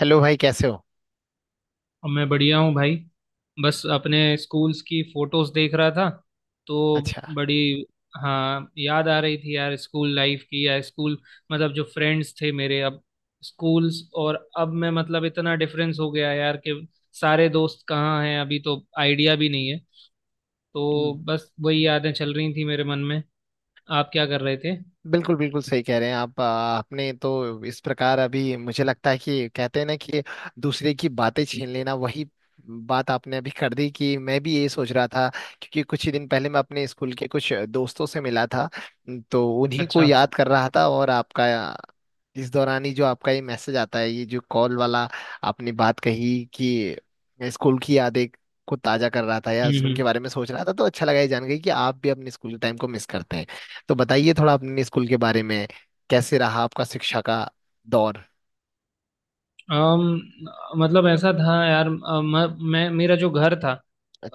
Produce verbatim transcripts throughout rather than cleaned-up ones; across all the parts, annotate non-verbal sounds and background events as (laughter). Hello भाई, कैसे हो। और मैं बढ़िया हूँ भाई। बस अपने स्कूल्स की फोटोज देख रहा था। तो अच्छा, बड़ी हाँ, याद आ रही थी यार स्कूल लाइफ की। या स्कूल मतलब जो फ्रेंड्स थे मेरे, अब स्कूल्स और अब मैं, मतलब इतना डिफरेंस हो गया यार कि सारे दोस्त कहाँ हैं अभी तो आइडिया भी नहीं है। तो बस वही यादें चल रही थी मेरे मन में। आप क्या कर रहे थे? बिल्कुल बिल्कुल सही कह रहे हैं आप। आ, आपने तो इस प्रकार, अभी मुझे लगता है कि कहते हैं ना कि दूसरे की बातें छीन लेना, वही बात आपने अभी कर दी कि मैं भी ये सोच रहा था, क्योंकि कुछ ही दिन पहले मैं अपने स्कूल के कुछ दोस्तों से मिला था तो उन्हीं को अच्छा। तो याद कर रहा था। और आपका इस दौरान ही जो आपका ये मैसेज आता है, ये जो कॉल वाला, आपने बात कही कि स्कूल की यादें को ताजा कर रहा था या हम्म उनके हम्म। बारे में सोच रहा था। तो अच्छा लगा ये जान गई कि आप भी अपने स्कूल टाइम को मिस करते हैं। तो बताइए थोड़ा अपने स्कूल के बारे में, कैसे रहा आपका शिक्षा का दौर। अम, मतलब ऐसा था यार, अ, म, मैं, मेरा जो घर था,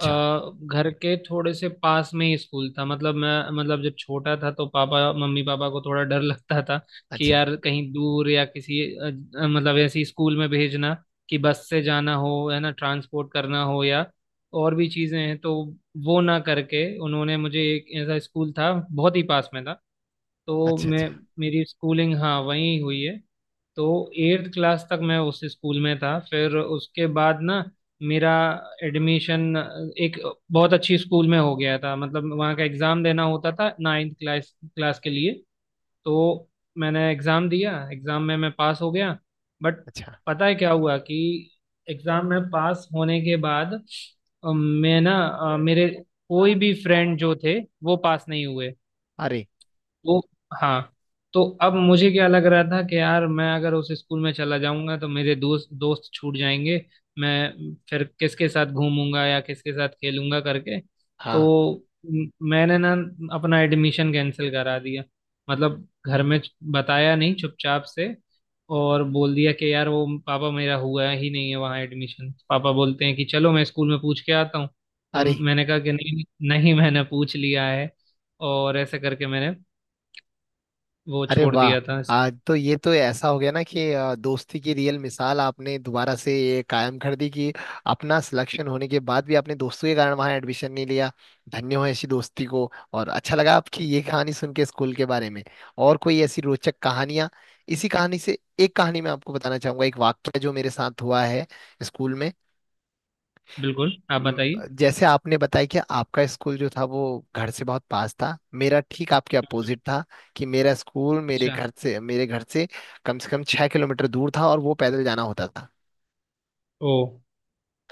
अ, घर के थोड़े से पास में ही स्कूल था। मतलब मैं, मतलब जब छोटा था तो पापा, मम्मी पापा को थोड़ा डर (laughs) लगता था कि अच्छा। यार कहीं दूर या किसी अ, अ, मतलब ऐसी स्कूल में भेजना, कि बस से जाना हो, है ना, ट्रांसपोर्ट करना हो या और भी चीज़ें हैं। तो वो ना करके उन्होंने मुझे, एक ऐसा स्कूल था बहुत ही पास में था तो अच्छा। मैं, अच्छा। मेरी स्कूलिंग हाँ वहीं हुई है। तो एट्थ क्लास तक मैं उस स्कूल में था। फिर उसके बाद ना मेरा एडमिशन एक बहुत अच्छी स्कूल में हो गया था। मतलब वहाँ का एग्ज़ाम देना होता था नाइन्थ क्लास क्लास के लिए। तो मैंने एग्ज़ाम दिया, एग्ज़ाम में मैं पास हो गया। बट अच्छा। पता है क्या हुआ कि एग्ज़ाम में पास होने के बाद अ, मैं ना अ, मेरे कोई भी फ्रेंड जो थे वो पास नहीं हुए। अरे। तो हाँ। तो अब मुझे क्या लग रहा था कि यार मैं अगर उस स्कूल में चला जाऊंगा तो मेरे दोस्त दोस्त छूट जाएंगे। मैं फिर किसके साथ घूमूंगा या किसके साथ खेलूंगा करके। तो हाँ। म- मैंने ना अपना एडमिशन कैंसिल करा दिया। मतलब घर में बताया नहीं, चुपचाप से। और बोल दिया कि यार वो पापा, मेरा हुआ ही नहीं है वहाँ एडमिशन। पापा बोलते हैं कि चलो मैं स्कूल में पूछ के आता हूँ। तो अरे। मैंने कहा कि नहीं नहीं मैंने पूछ लिया है। और ऐसे करके मैंने वो अरे छोड़ वाह। दिया था। आज तो ये तो ऐसा हो गया ना कि अ, दोस्ती की रियल मिसाल आपने दोबारा से ये कायम कर दी कि अपना सिलेक्शन होने के बाद भी आपने दोस्तों के कारण वहाँ एडमिशन नहीं लिया। धन्य हो ऐसी दोस्ती को। और अच्छा लगा आपकी ये कहानी सुन के स्कूल के बारे में। और कोई ऐसी रोचक कहानियाँ, इसी कहानी से एक कहानी मैं आपको बताना चाहूंगा, एक वाक्य जो मेरे साथ हुआ है स्कूल में। बिल्कुल, आप म, बताइए। जैसे आपने बताया कि आपका स्कूल जो था वो घर से बहुत पास था, मेरा ठीक आपके अपोजिट था कि मेरा स्कूल मेरे अच्छा। घर से मेरे घर से कम से कम छह किलोमीटर दूर था और वो पैदल जाना होता था। ओ,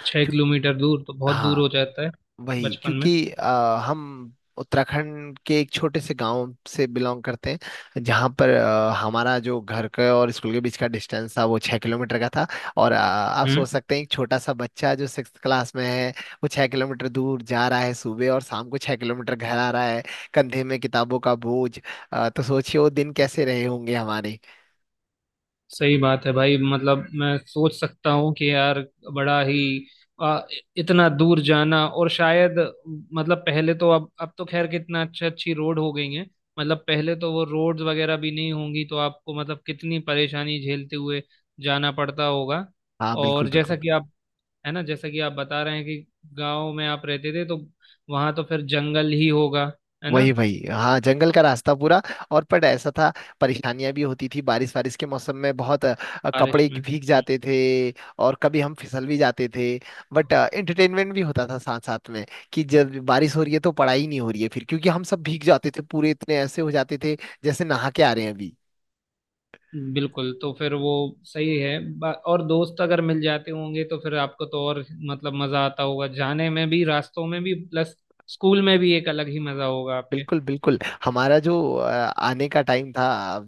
छः क्यों- किलोमीटर दूर तो बहुत दूर हाँ, हो जाता है वही, बचपन में। क्योंकि अ, हम उत्तराखंड के एक छोटे से गांव से बिलोंग करते हैं, जहां पर अ, हमारा जो घर का और स्कूल के बीच का डिस्टेंस था वो छः किलोमीटर का था। और अ, आप हम्म। सोच सकते हैं, एक छोटा सा बच्चा जो सिक्स क्लास में है, वो छः किलोमीटर दूर जा रहा है सुबह और शाम को छः किलोमीटर घर आ रहा है, कंधे में किताबों का बोझ। अ, तो सोचिए वो दिन कैसे रहे होंगे हमारे। सही बात है भाई। मतलब मैं सोच सकता हूँ कि यार बड़ा ही आ, इतना दूर जाना और शायद, मतलब पहले तो, अब अब तो खैर कितना अच्छी अच्छी रोड हो गई है। मतलब पहले तो वो रोड्स वगैरह भी नहीं होंगी तो आपको मतलब कितनी परेशानी झेलते हुए जाना पड़ता होगा। हाँ बिल्कुल और जैसा बिल्कुल। कि आप, है ना, जैसा कि आप बता रहे हैं कि गांव में आप रहते थे, तो वहां तो फिर जंगल ही होगा, है ना। वही वही, हाँ, जंगल का रास्ता पूरा। और पर ऐसा था, परेशानियां भी होती थी, बारिश बारिश के मौसम में बहुत अ, बारिश कपड़े में। भीग जाते थे और कभी हम फिसल भी जाते थे। बट हम्म। एंटरटेनमेंट भी होता था साथ साथ में कि जब बारिश हो रही है तो पढ़ाई नहीं हो रही है, फिर, क्योंकि हम सब भीग जाते थे पूरे, इतने ऐसे हो जाते थे जैसे नहा के आ रहे हैं अभी। बिल्कुल। तो फिर वो सही है। बा- और दोस्त अगर मिल जाते होंगे तो फिर आपको तो और, मतलब, मजा आता होगा जाने में भी, रास्तों में भी, प्लस स्कूल में भी एक अलग ही मजा होगा आपके। बिल्कुल बिल्कुल। हमारा जो अ, आने का टाइम था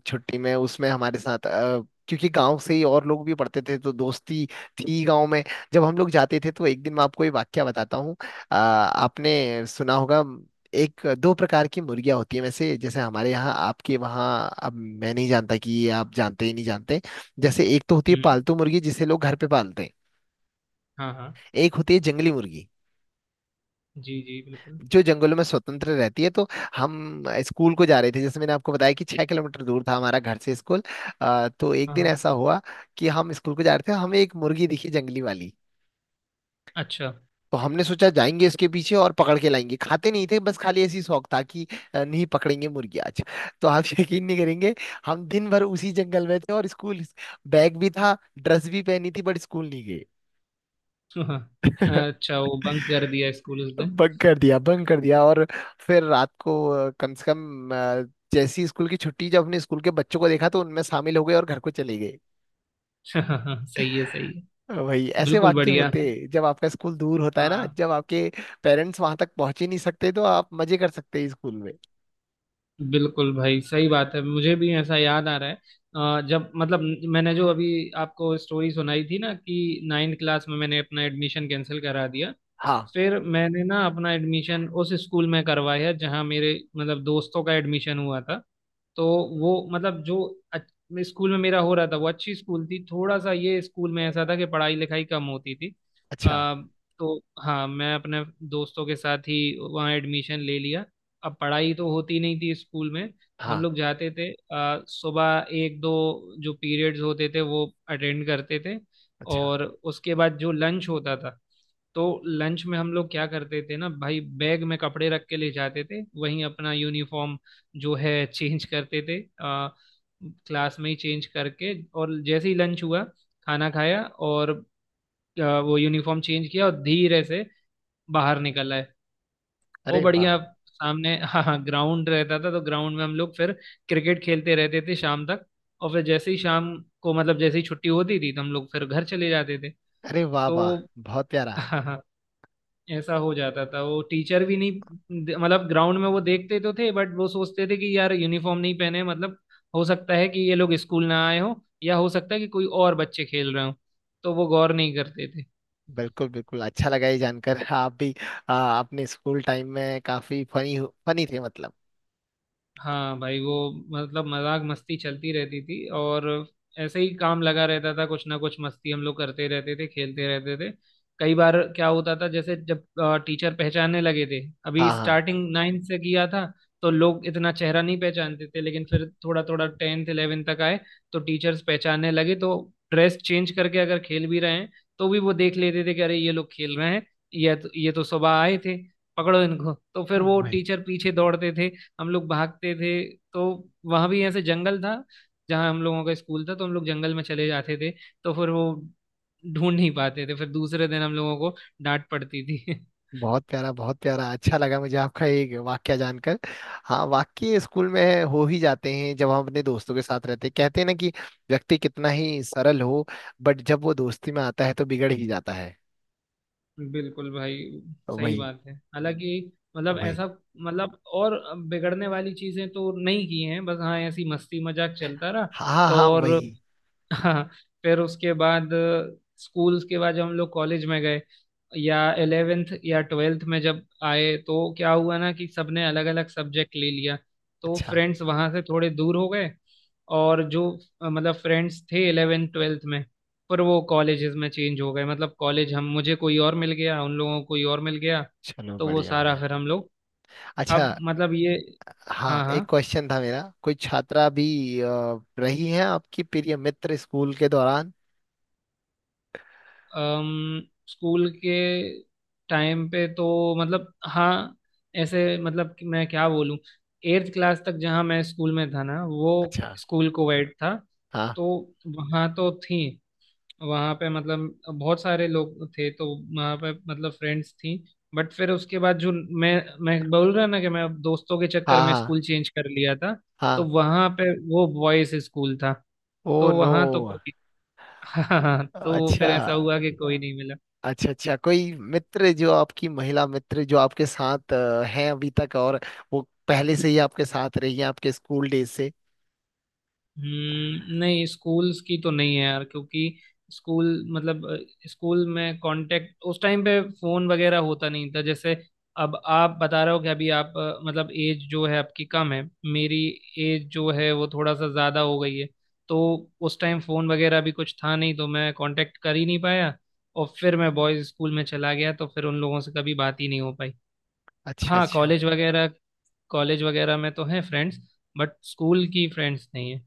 छुट्टी में, उसमें हमारे साथ अ, क्योंकि गांव से ही और लोग भी पढ़ते थे तो दोस्ती थी गांव में। जब हम लोग जाते थे तो एक दिन, मैं आपको ये वाक्य बताता हूँ। अ, आपने सुना होगा, एक दो प्रकार की मुर्गियां होती है वैसे, जैसे हमारे यहाँ आपके वहाँ, अब मैं नहीं जानता कि ये आप जानते ही नहीं जानते। जैसे एक तो होती है हम्म। पालतू मुर्गी, जिसे लोग घर पे पालते हैं। हाँ हाँ। एक होती है जंगली मुर्गी, जी जी बिल्कुल। जो जंगलों में स्वतंत्र रहती है। तो हम स्कूल को जा रहे थे, जैसे मैंने आपको बताया कि छह किलोमीटर दूर था हमारा घर से स्कूल। अ, तो एक हाँ दिन हाँ। ऐसा हुआ कि हम स्कूल को जा रहे थे, हमें एक मुर्गी दिखी, जंगली वाली। अच्छा। तो हमने सोचा जाएंगे इसके पीछे और पकड़ के लाएंगे। खाते नहीं थे, बस खाली ऐसी शौक था कि अ, नहीं, पकड़ेंगे मुर्गी आज। तो आप (laughs) यकीन नहीं करेंगे, हम दिन भर उसी जंगल में थे। और स्कूल बैग भी था, ड्रेस भी पहनी थी, बट स्कूल नहीं गए। (laughs) हाँ हाँ, अच्छा वो बंक कर दिया स्कूल उस दिन। बंक कर दिया, बंक कर दिया। और फिर रात को, अ, कम से कम, अ, जैसी स्कूल की छुट्टी, जब अपने स्कूल के बच्चों को देखा तो उनमें शामिल हो गए और घर को चले गए। (laughs) सही है सही है। वही, ऐसे बिल्कुल वाक्य बढ़िया। होते जब आपका स्कूल दूर होता है ना, हाँ। जब आपके पेरेंट्स वहां तक पहुंच ही नहीं सकते तो आप मजे कर सकते हैं स्कूल में। बिल्कुल भाई सही बात है। मुझे भी ऐसा याद आ रहा है। अ, जब, मतलब, मैंने जो अभी आपको स्टोरी सुनाई थी ना कि नाइन्थ क्लास में मैंने अपना एडमिशन कैंसिल करा दिया। हाँ। फिर मैंने ना अपना एडमिशन उस स्कूल में करवाया जहाँ मेरे, मतलब, दोस्तों का एडमिशन हुआ था। तो वो, मतलब, जो अच्छ- स्कूल में मेरा हो रहा था वो अच्छी स्कूल थी, थोड़ा सा ये स्कूल में ऐसा था कि पढ़ाई लिखाई कम होती थी। अच्छा। अ, तो हाँ मैं अपने दोस्तों के साथ ही वहाँ एडमिशन ले लिया। अब पढ़ाई तो होती नहीं थी स्कूल में। हम हाँ। लोग जाते थे अ, सुबह एक दो जो पीरियड्स होते थे वो अटेंड करते थे। अच्छा। और उसके बाद जो लंच होता था, तो लंच में हम लोग क्या करते थे ना भाई, बैग में कपड़े रख के ले जाते थे वहीं अपना यूनिफॉर्म जो है, (laughs) चेंज करते थे, आ, क्लास में ही चेंज करके। और जैसे ही लंच हुआ खाना खाया और आ, वो यूनिफॉर्म चेंज किया और धीरे से बाहर निकल आए। वो अरे वाह। बढ़िया। सामने हाँ हाँ ग्राउंड रहता था, तो ग्राउंड में हम लोग फिर क्रिकेट खेलते रहते थे शाम तक। और फिर जैसे ही शाम को, मतलब, जैसे ही छुट्टी होती थी तो हम लोग फिर घर चले जाते थे। अरे वाह वाह। तो बहुत प्यारा। हाँ हाँ ऐसा हो जाता था। वो टीचर भी नहीं, मतलब, ग्राउंड में वो देखते तो थे बट वो सोचते थे कि यार यूनिफॉर्म नहीं पहने, मतलब हो सकता है कि ये लोग स्कूल ना आए हो या हो सकता है कि कोई और बच्चे खेल रहे हो। तो वो गौर नहीं करते। बिल्कुल बिल्कुल, अच्छा लगा ये जानकर आप भी आ, अपने स्कूल टाइम में काफी फनी, फनी थे मतलब। हाँ भाई वो, मतलब, मजाक मस्ती चलती रहती थी। और ऐसे ही काम लगा रहता था, कुछ ना कुछ मस्ती हम लोग करते रहते थे, खेलते रहते थे। कई बार क्या होता था जैसे जब टीचर पहचानने लगे थे, अभी हाँ हाँ, स्टार्टिंग नाइन्थ से किया था तो लोग इतना चेहरा नहीं पहचानते थे, लेकिन फिर थोड़ा थोड़ा टेंथ इलेवेंथ तक आए तो टीचर्स पहचानने लगे। तो ड्रेस चेंज करके अगर खेल भी रहे हैं तो भी वो देख लेते थे कि अरे ये लोग खेल रहे हैं, ये तो ये तो सुबह आए थे, पकड़ो इनको। तो फिर वो वही। टीचर पीछे दौड़ते थे, हम लोग भागते थे। तो वहां भी ऐसे जंगल था जहाँ हम लोगों का स्कूल था, तो हम लोग जंगल में चले जाते थे। तो फिर वो ढूंढ नहीं पाते थे। फिर दूसरे दिन हम लोगों को डांट पड़ती थी। बहुत प्यारा बहुत प्यारा, अच्छा लगा मुझे आपका ये वाक्या जानकर। हाँ, वाक्य स्कूल में हो ही जाते हैं जब हम अपने दोस्तों के साथ रहते हैं। कहते हैं ना कि व्यक्ति कितना ही सरल हो, बट जब वो दोस्ती में आता है तो बिगड़ ही जाता है। (laughs) बिल्कुल भाई सही वही। बात है। हालांकि, मतलब, वही। ऐसा, मतलब, और बिगड़ने वाली चीजें तो नहीं की हैं बस, हाँ ऐसी मस्ती मजाक चलता रहा। हाँ हाँ, और वही। हाँ, फिर उसके बाद स्कूल्स के बाद जब हम लोग कॉलेज में गए, या इलेवेंथ या ट्वेल्थ में जब आए, तो क्या हुआ ना कि सबने अलग अलग सब्जेक्ट ले लिया। तो अच्छा। फ्रेंड्स वहाँ से थोड़े दूर हो गए। और जो अ, मतलब फ्रेंड्स थे इलेवेंथ ट्वेल्थ में, पर वो कॉलेजेस में चेंज हो गए। मतलब कॉलेज, हम, मुझे कोई और मिल गया, उन लोगों को कोई और मिल गया। चलो, तो वो बढ़िया सारा बढ़िया। फिर हम लोग, अच्छा, अब, मतलब, ये। हाँ, हाँ एक हाँ। क्वेश्चन था मेरा, कोई छात्रा भी अ, रही है आपकी प्रिय मित्र स्कूल के दौरान। अम, स्कूल के टाइम पे तो, मतलब, हाँ, ऐसे, मतलब, कि मैं क्या बोलूँ, एट्थ क्लास तक जहाँ मैं स्कूल में था ना, वो अच्छा। स्कूल कोएड था। हाँ तो वहाँ तो थी, वहाँ पे, मतलब, बहुत सारे लोग थे तो वहाँ पे, मतलब, फ्रेंड्स थी। बट फिर उसके बाद जो, मैं मैं बोल रहा ना कि मैं दोस्तों के चक्कर हाँ। में हाँ स्कूल चेंज कर लिया था। तो हाँ। वहाँ पे वो बॉयज स्कूल था, ओ तो नो। वहाँ तो कोई, (laughs) हाँ हाँ, तो फिर अच्छा। ऐसा हुआ कि कोई नहीं मिला। अच्छा अच्छा, कोई मित्र जो आपकी महिला मित्र जो आपके साथ अ, हैं अभी तक, और वो पहले से ही आपके साथ रही है आपके स्कूल डेज से। हम्म, नहीं स्कूल्स की तो नहीं है यार क्योंकि स्कूल, मतलब, अ, स्कूल में कांटेक्ट उस टाइम पे फोन वगैरह होता नहीं था। जैसे अब आप बता रहे हो कि अभी आप, अ, मतलब, एज जो है आपकी कम है, मेरी एज जो है वो थोड़ा सा ज़्यादा हो गई है। तो उस टाइम फोन वगैरह भी कुछ था नहीं तो मैं कांटेक्ट कर ही नहीं पाया। और फिर मैं बॉयज स्कूल में चला गया तो फिर उन लोगों से कभी बात ही नहीं हो पाई। अच्छा हाँ, अच्छा। कॉलेज वगैरह कॉलेज वगैरह में तो है फ्रेंड्स, बट स्कूल की फ्रेंड्स नहीं है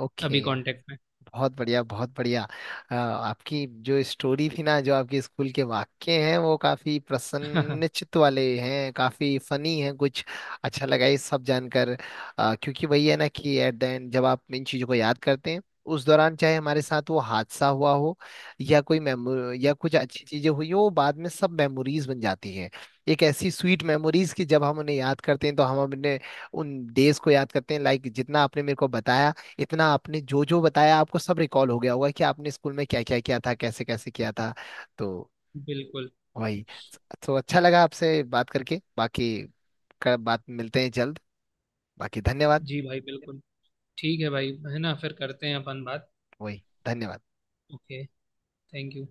ओके। अभी कांटेक्ट में। बहुत बढ़िया बहुत बढ़िया। अ, आपकी जो स्टोरी थी ना, जो आपके स्कूल के वाक्य हैं, वो काफी (laughs) प्रसन्नचित्त वाले हैं, काफी फनी हैं कुछ। अच्छा लगा ये सब जानकर। अ, क्योंकि वही है ना कि एट द एंड जब आप इन चीजों को याद करते हैं, उस दौरान चाहे हमारे साथ वो हादसा हुआ हो या कोई मेमो या कुछ अच्छी चीजें हुई हो, वो बाद में सब मेमोरीज बन जाती हैं। एक ऐसी स्वीट मेमोरीज की जब हम उन्हें याद करते हैं तो हम अपने उन डेज को याद करते हैं। लाइक जितना आपने मेरे को बताया, इतना आपने जो जो बताया, आपको सब रिकॉल हो गया होगा कि आपने स्कूल में क्या क्या किया था, कैसे कैसे किया था। तो बिल्कुल। वही। तो अच्छा लगा आपसे बात करके। बाकी कर, बात, मिलते हैं जल्द। बाकी धन्यवाद। जी भाई बिल्कुल। ठीक है भाई, है ना, फिर करते हैं अपन बात। वही, धन्यवाद। ओके। Thank you.